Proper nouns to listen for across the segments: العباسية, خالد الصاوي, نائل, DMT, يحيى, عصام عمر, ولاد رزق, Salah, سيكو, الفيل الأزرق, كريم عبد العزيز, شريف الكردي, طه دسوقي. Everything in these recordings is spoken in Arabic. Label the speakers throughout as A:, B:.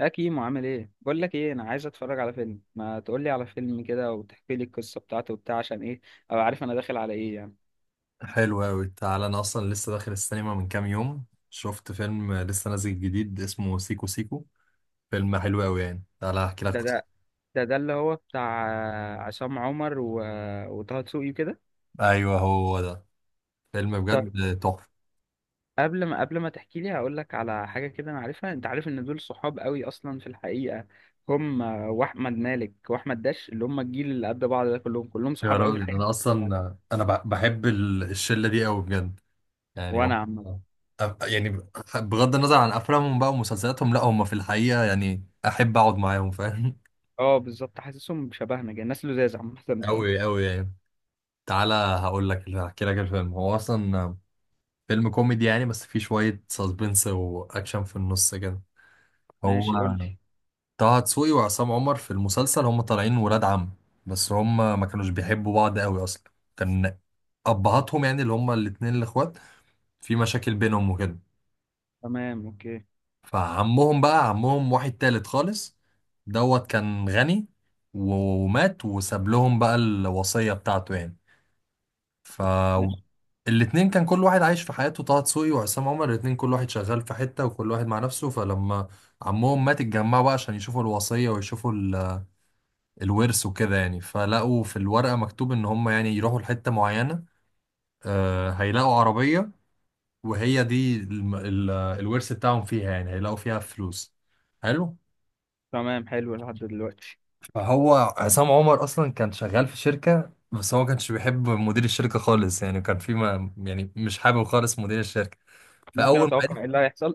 A: يا كيمو عامل ايه؟ بقول لك ايه، انا عايز اتفرج على فيلم. ما تقول لي على فيلم كده وتحكي لي القصه بتاعته وبتاع، عشان ايه؟ ابقى عارف انا داخل على ايه يعني.
B: حلو أوي، تعالى. أنا أصلا لسه داخل السينما من كام يوم. شفت فيلم لسه نازل جديد اسمه سيكو سيكو. فيلم حلو أوي يعني، تعالى أحكي لك
A: ده
B: قصة.
A: ده ده اللي هو بتاع عصام عمر وطه دسوقي كده.
B: أيوه، هو ده. فيلم
A: طيب،
B: بجد تحفة.
A: قبل ما تحكي لي، هقول لك على حاجه كده انا عارفها. انت عارف ان دول صحاب قوي اصلا في الحقيقه، هم واحمد مالك واحمد داش، اللي هم الجيل اللي قد بعض ده، كلهم
B: يا
A: صحاب قوي في
B: راجل،
A: الحقيقه
B: أنا
A: يعني.
B: أصلا أنا بحب الشلة دي أوي بجد يعني
A: وانا
B: هم
A: عم.
B: يعني بغض النظر عن أفلامهم بقى ومسلسلاتهم، لأ هم في الحقيقة يعني أحب أقعد معاهم، فاهم.
A: اه بالظبط، حاسسهم شبهنا كده، الناس لذاذ عامه، فاهم؟
B: أوي أوي يعني. تعالى هقول لك، هحكي لك الفيلم. هو أصلا فيلم كوميدي يعني، بس فيه شوية ساسبنس وأكشن في النص كده. هو
A: ماشي، قول لي.
B: طه دسوقي وعصام عمر في المسلسل هم طالعين ولاد عم، بس هم ما كانوش بيحبوا بعض قوي أصلا. كان أبهاتهم يعني اللي هم الاتنين الإخوات في مشاكل بينهم وكده.
A: تمام، اوكي.
B: فعمهم بقى، عمهم واحد تالت خالص، دوت كان غني و- ومات وساب لهم بقى الوصية بتاعته يعني. ف
A: ماشي.
B: الاتنين كان كل واحد عايش في حياته، طه دسوقي وعصام عمر الاتنين كل واحد شغال في حتة وكل واحد مع نفسه. فلما عمهم مات اتجمعوا بقى عشان يشوفوا الوصية ويشوفوا الورث وكده يعني. فلقوا في الورقة مكتوب ان هم يعني يروحوا لحتة معينة، هيلاقوا عربية، وهي دي الورث بتاعهم فيها يعني، هيلاقوا فيها فلوس حلو.
A: تمام، حلو لحد دلوقتي.
B: فهو عصام عمر اصلا كان شغال في شركة بس هو ما كانش بيحب مدير الشركة خالص يعني، كان في ما يعني مش حابب خالص مدير الشركة.
A: ممكن
B: فاول ما
A: اتوقع ايه اللي هيحصل.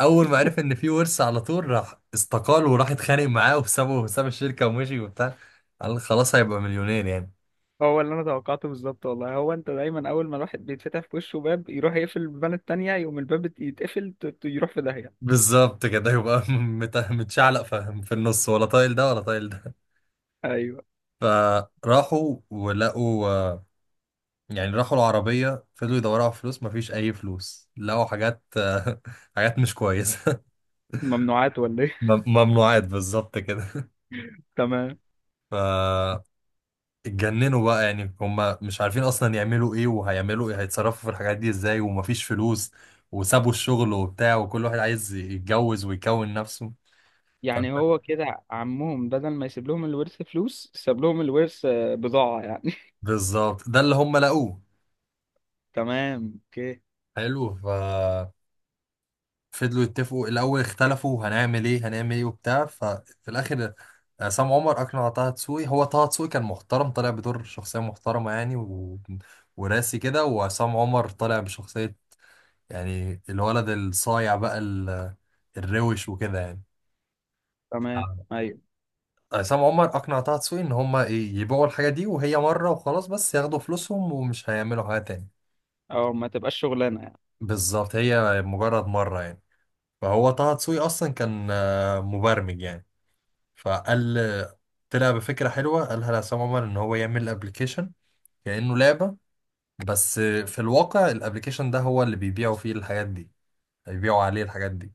B: اول ما عرف ان في ورث على طول راح استقال وراح اتخانق معاه وسابه وساب الشركه ومشي وبتاع. قال خلاص هيبقى مليونير يعني.
A: هو اللي انا توقعته بالظبط والله. هو انت دايما اول ما الواحد بيتفتح في وشه باب، يروح يقفل البان التانية، يقوم الباب يتقفل، يروح في داهية.
B: بالظبط كده يبقى متشعلق في النص، ولا طايل ده ولا طايل ده.
A: ايوه.
B: فراحوا ولقوا يعني راحوا العربية، فضلوا يدوروا على فلوس مفيش أي فلوس، لقوا حاجات حاجات مش كويسة.
A: ممنوعات ولا ايه؟
B: ممنوعات بالظبط كده.
A: تمام.
B: ف اتجننوا بقى يعني هم مش عارفين اصلا يعملوا ايه وهيعملوا ايه، هيتصرفوا في الحاجات دي ازاي ومفيش فلوس، وسابوا الشغل وبتاع وكل واحد عايز يتجوز ويكون نفسه. ف-
A: يعني هو كده عمهم بدل ما يسيب لهم الورث فلوس، ساب لهم الورث بضاعة يعني.
B: بالظبط ده اللي هم لقوه
A: تمام، اوكي.
B: حلو. ففضلوا يتفقوا الاول، اختلفوا هنعمل ايه هنعمل ايه وبتاع. ففي الاخر عصام عمر اقنع طه دسوقي، هو طه دسوقي كان محترم طالع بدور شخصيه محترمه يعني و... وراسي كده، وعصام عمر طالع بشخصيه يعني الولد الصايع بقى الروش وكده يعني.
A: تمام، ايوه.
B: عصام عمر اقنع طه دسوقي ان هما ايه يبيعوا الحاجه دي وهي مره وخلاص، بس ياخدوا فلوسهم ومش هيعملوا حاجه تاني.
A: اه، ما تبقاش شغلانة يعني.
B: بالظبط، هي مجرد مره يعني. فهو طه دسوقي اصلا كان مبرمج يعني. فقال طلع بفكره حلوه قالها لعصام عمر ان هو يعمل ابلكيشن كانه لعبه، بس في الواقع الابلكيشن ده هو اللي بيبيعوا فيه الحاجات دي، هيبيعوا عليه الحاجات دي.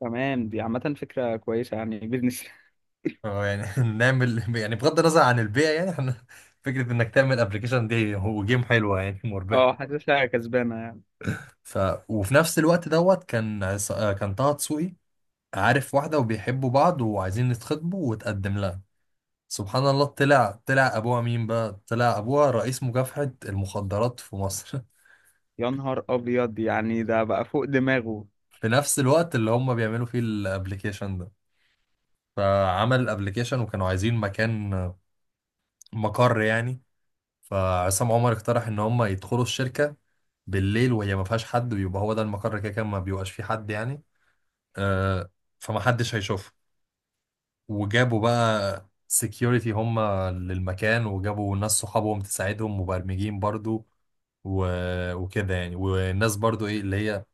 A: تمام، دي عامة فكرة كويسة يعني، بيزنس.
B: اه يعني نعمل يعني، بغض النظر عن البيع يعني، احنا فكرة انك تعمل ابلكيشن دي هو جيم حلوة يعني مربحة.
A: اه، حاسسها كسبانة يعني.
B: ف وفي نفس الوقت دوت كان كان طه دسوقي عارف واحدة وبيحبوا بعض وعايزين يتخطبوا وتقدم لها. سبحان الله، طلع ابوها مين بقى؟ طلع ابوها رئيس مكافحة المخدرات في مصر.
A: يا نهار ابيض، يعني ده بقى فوق دماغه.
B: في نفس الوقت اللي هم بيعملوا فيه الابلكيشن ده. فعمل الابلكيشن وكانوا عايزين مكان، مقر يعني. فعصام عمر اقترح ان هم يدخلوا الشركه بالليل وهي ما فيهاش حد ويبقى هو ده المقر، كده كان ما بيبقاش فيه حد يعني. آه، فمحدش هيشوفه. وجابوا بقى سكيورتي هم للمكان، وجابوا ناس صحابهم تساعدهم مبرمجين برضو، و... وكده يعني. والناس برضو ايه اللي هي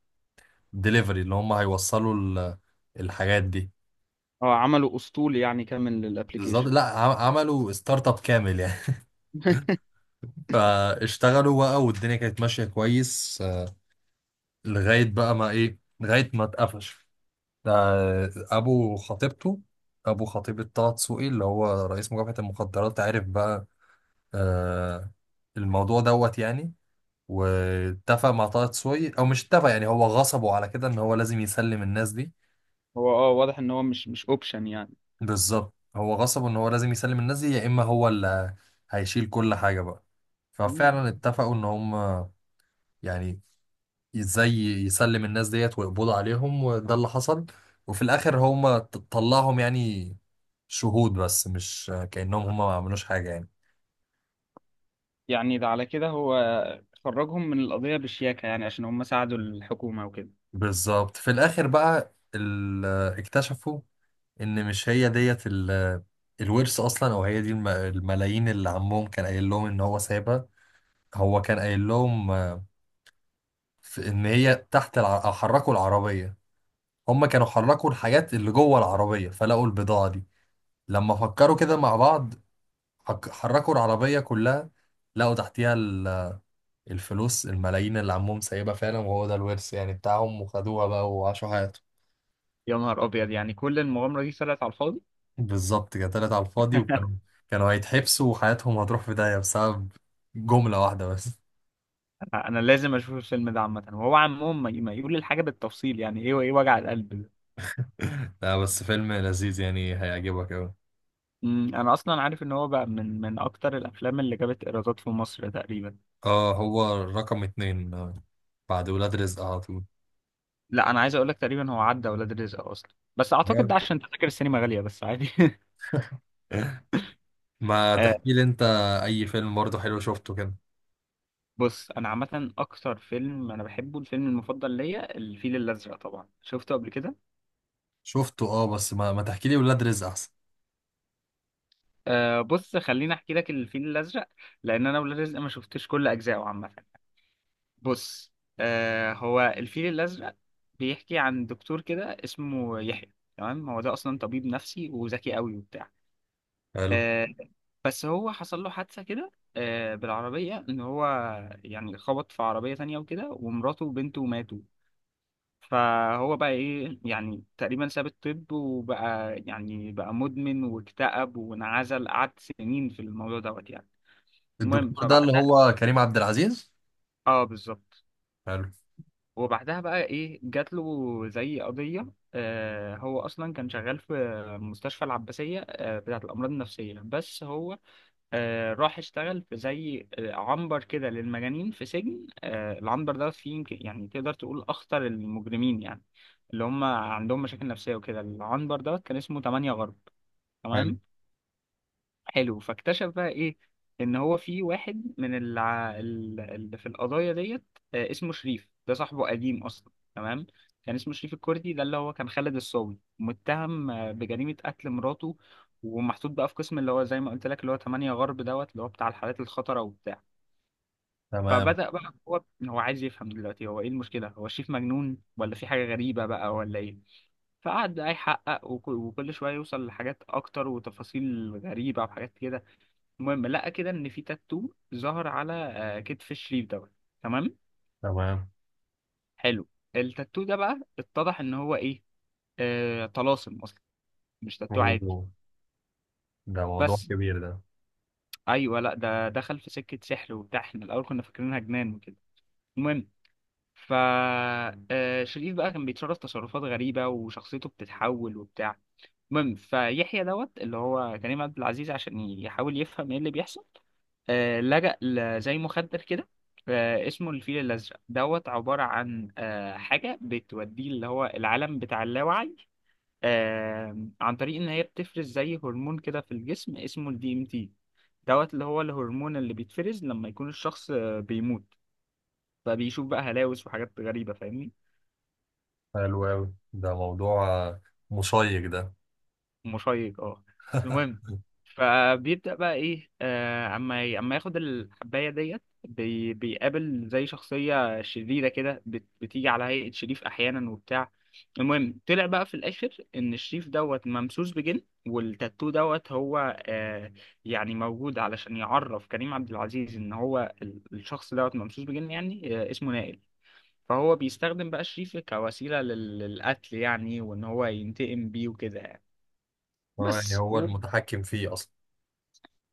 B: ديليفري اللي هم هيوصلوا الحاجات دي.
A: اه، عمله اسطول يعني كامل
B: بالظبط،
A: للابليكيشن.
B: لا عملوا ستارت اب كامل يعني. فاشتغلوا بقى والدنيا كانت ماشية كويس لغاية بقى ما ايه، لغاية ما اتقفش ده ابو خطيبته. ابو خطيبة طه دسوقي اللي هو رئيس مكافحة المخدرات عرف بقى آه الموضوع دوت يعني، واتفق مع طه دسوقي او مش اتفق يعني، هو غصبه على كده ان هو لازم يسلم الناس دي.
A: هو اه واضح ان هو مش اوبشن يعني.
B: بالظبط، هو غصبه ان هو لازم يسلم الناس دي يا اما هو اللي هيشيل كل حاجة بقى.
A: مم.
B: ففعلا اتفقوا ان هم يعني ازاي يسلم الناس ديت ويقبضوا عليهم وده اللي حصل. وفي الاخر هم طلعهم يعني شهود، بس مش كأنهم هم ما عملوش حاجة يعني.
A: يعني ده على كده هو خرجهم من القضية بشياكة يعني، عشان هم ساعدوا الحكومة وكده.
B: بالظبط، في الآخر بقى اكتشفوا إن مش هي ديت الورث أصلا، أو هي دي الملايين اللي عمهم كان قايل لهم إن هو سايبها. هو كان قايل لهم إن هي تحت أو حركوا العربية، هم كانوا حركوا الحاجات اللي جوه العربية فلقوا البضاعة دي. لما فكروا كده مع بعض حركوا العربية كلها، لقوا تحتيها الفلوس الملايين اللي عمهم سايبها فعلا، وهو ده الورث يعني بتاعهم، وخدوها بقى وعاشوا حياتهم.
A: يا نهار ابيض، يعني كل المغامرة دي طلعت على الفاضي.
B: بالظبط كده، طلعت على الفاضي، وكانوا كانوا هيتحبسوا وحياتهم هتروح في داهية بسبب جملة واحدة بس.
A: انا لازم اشوف الفيلم ده عامة. وهو عمهم ما يقول الحاجة بالتفصيل يعني ايه وايه وجع القلب ده؟
B: لا، بس فيلم لذيذ يعني هيعجبك أوي.
A: انا اصلا عارف ان هو بقى من اكتر الافلام اللي جابت ايرادات في مصر تقريبا.
B: اه، هو رقم 2 بعد ولاد رزق على طول.
A: لا انا عايز اقول لك، تقريبا هو عدى ولاد رزق اصلا. بس اعتقد ده
B: جامد.
A: عشان تذاكر السينما غاليه، بس عادي.
B: ما
A: آه،
B: تحكي لي انت اي فيلم برضه حلو شفته كده؟
A: بص، انا عامه اكتر فيلم انا بحبه، الفيلم المفضل ليا، الفيل الازرق. طبعا شفته قبل كده.
B: شفته، اه، بس ما تحكي لي ولاد رزق احسن.
A: بص، خليني احكي لك الفيل الازرق، لان انا ولاد رزق ما شفتش كل اجزائه عامه. بص، هو الفيل الازرق بيحكي عن دكتور كده اسمه يحيى. تمام، هو ده اصلا طبيب نفسي وذكي قوي وبتاع.
B: حلو.
A: آه، بس هو حصل له حادثة كده، بالعربية، إن هو يعني خبط في عربية تانية وكده، ومراته وبنته ماتوا. فهو بقى إيه يعني، تقريبا ساب الطب وبقى يعني، بقى مدمن واكتئب وانعزل، قعد سنين في الموضوع دوت يعني. المهم
B: الدكتور ده اللي
A: فبعدها،
B: هو كريم عبد العزيز.
A: اه بالظبط.
B: حلو.
A: وبعدها بقى إيه، جات له زي قضية. هو أصلا كان شغال في مستشفى العباسية بتاعة الأمراض النفسية. بس هو راح اشتغل في زي عنبر كده للمجانين في سجن. العنبر ده فيه يمكن يعني تقدر تقول أخطر المجرمين يعني، اللي هم عندهم مشاكل نفسية وكده. العنبر ده كان اسمه تمانية غرب.
B: حلو.
A: تمام. حلو، فاكتشف بقى ايه، ان هو في واحد من اللي في القضايا ديت، اسمه شريف. ده صاحبه قديم اصلا. تمام، كان اسمه شريف الكردي، ده اللي هو كان خالد الصاوي متهم بجريمة قتل مراته. ومحطوط بقى في قسم اللي هو زي ما قلت لك، اللي هو 8 غرب دوت، اللي هو بتاع الحالات الخطرة وبتاع.
B: تمام.
A: فبدأ بقى هو، هو عايز يفهم دلوقتي، هو ايه المشكلة؟ هو شريف مجنون ولا في حاجة غريبة بقى ولا ايه؟ فقعد بقى يحقق، وكل شوية يوصل لحاجات أكتر وتفاصيل غريبة وحاجات كده. المهم لقى كده ان في تاتو ظهر على كتف الشريف دوت. تمام،
B: تمام.
A: حلو. التاتو ده بقى اتضح ان هو ايه، آه طلاسم اصلا، مش تاتو عادي.
B: أوه. ده موضوع
A: بس
B: كبير ده.
A: ايوه، لا ده دخل في سكه سحر وبتاع، احنا الاول كنا فاكرينها جنان وكده. المهم، ف، شريف بقى كان بيتصرف تصرفات غريبه وشخصيته بتتحول وبتاع. المهم، فيحيى دوت اللي هو كريم عبد العزيز، عشان يحاول يفهم ايه اللي بيحصل، لجأ زي مخدر كده، اسمه الفيل الأزرق دوت، عبارة عن حاجة بتوديه اللي هو العالم بتاع اللاوعي، عن طريق إن هي بتفرز زي هرمون كده في الجسم اسمه الدي ام تي دوت، اللي هو الهرمون اللي بيتفرز لما يكون الشخص بيموت. فبيشوف بقى هلاوس وحاجات غريبة، فاهمني؟
B: حلو أوي، ده موضوع مشيق ده.
A: مشيق، اه. المهم، فبيبدأ بقى ايه، آه، اما ياخد الحباية ديت، بي بيقابل زي شخصية شريرة كده، بتيجي على هيئة شريف احيانا وبتاع. المهم، طلع بقى في الاخر ان الشريف دوت ممسوس بجن، والتاتو دوت هو آه يعني موجود علشان يعرف كريم عبد العزيز ان هو الشخص دوت ممسوس بجن يعني، آه اسمه نائل. فهو بيستخدم بقى شريف كوسيلة للقتل يعني، وان هو ينتقم بيه وكده يعني.
B: اه يعني
A: بس
B: هو المتحكم فيه أصلا.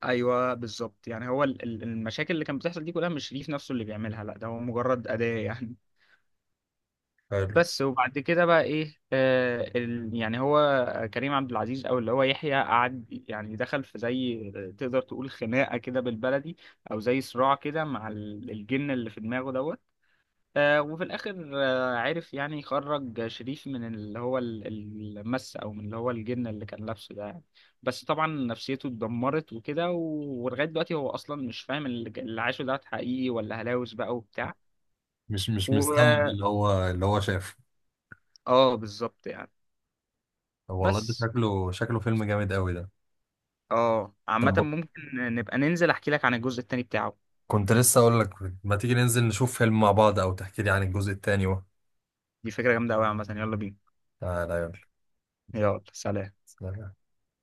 A: ايوه بالظبط يعني. هو المشاكل اللي كانت بتحصل دي كلها مش شريف نفسه اللي بيعملها، لا ده هو مجرد أداة يعني.
B: حلو.
A: بس وبعد كده بقى ايه، يعني هو كريم عبد العزيز او اللي هو يحيى، قعد يعني، دخل في زي، تقدر تقول خناقة كده بالبلدي، او زي صراع كده مع الجن اللي في دماغه دوت. وفي الاخر عرف يعني يخرج شريف من اللي هو المس، او من اللي هو الجن اللي كان لابسه ده يعني. بس طبعا نفسيته اتدمرت وكده، ولغايه دلوقتي هو اصلا مش فاهم اللي عاشه ده حقيقي ولا هلاوس بقى وبتاع.
B: مش
A: و...
B: مستوعب اللي هو شافه.
A: اه بالظبط يعني.
B: طب والله ده
A: بس،
B: شكله فيلم جامد أوي ده.
A: اه عامه
B: طب،
A: ممكن نبقى ننزل، احكي لك عن الجزء التاني بتاعه.
B: كنت لسه أقول لك، ما تيجي ننزل نشوف فيلم مع بعض أو تحكي لي عن الجزء التاني و...
A: دي فكره جامده قوي عامه، يلا بينا.
B: تعالى.
A: يلا، سلام.
B: يلا.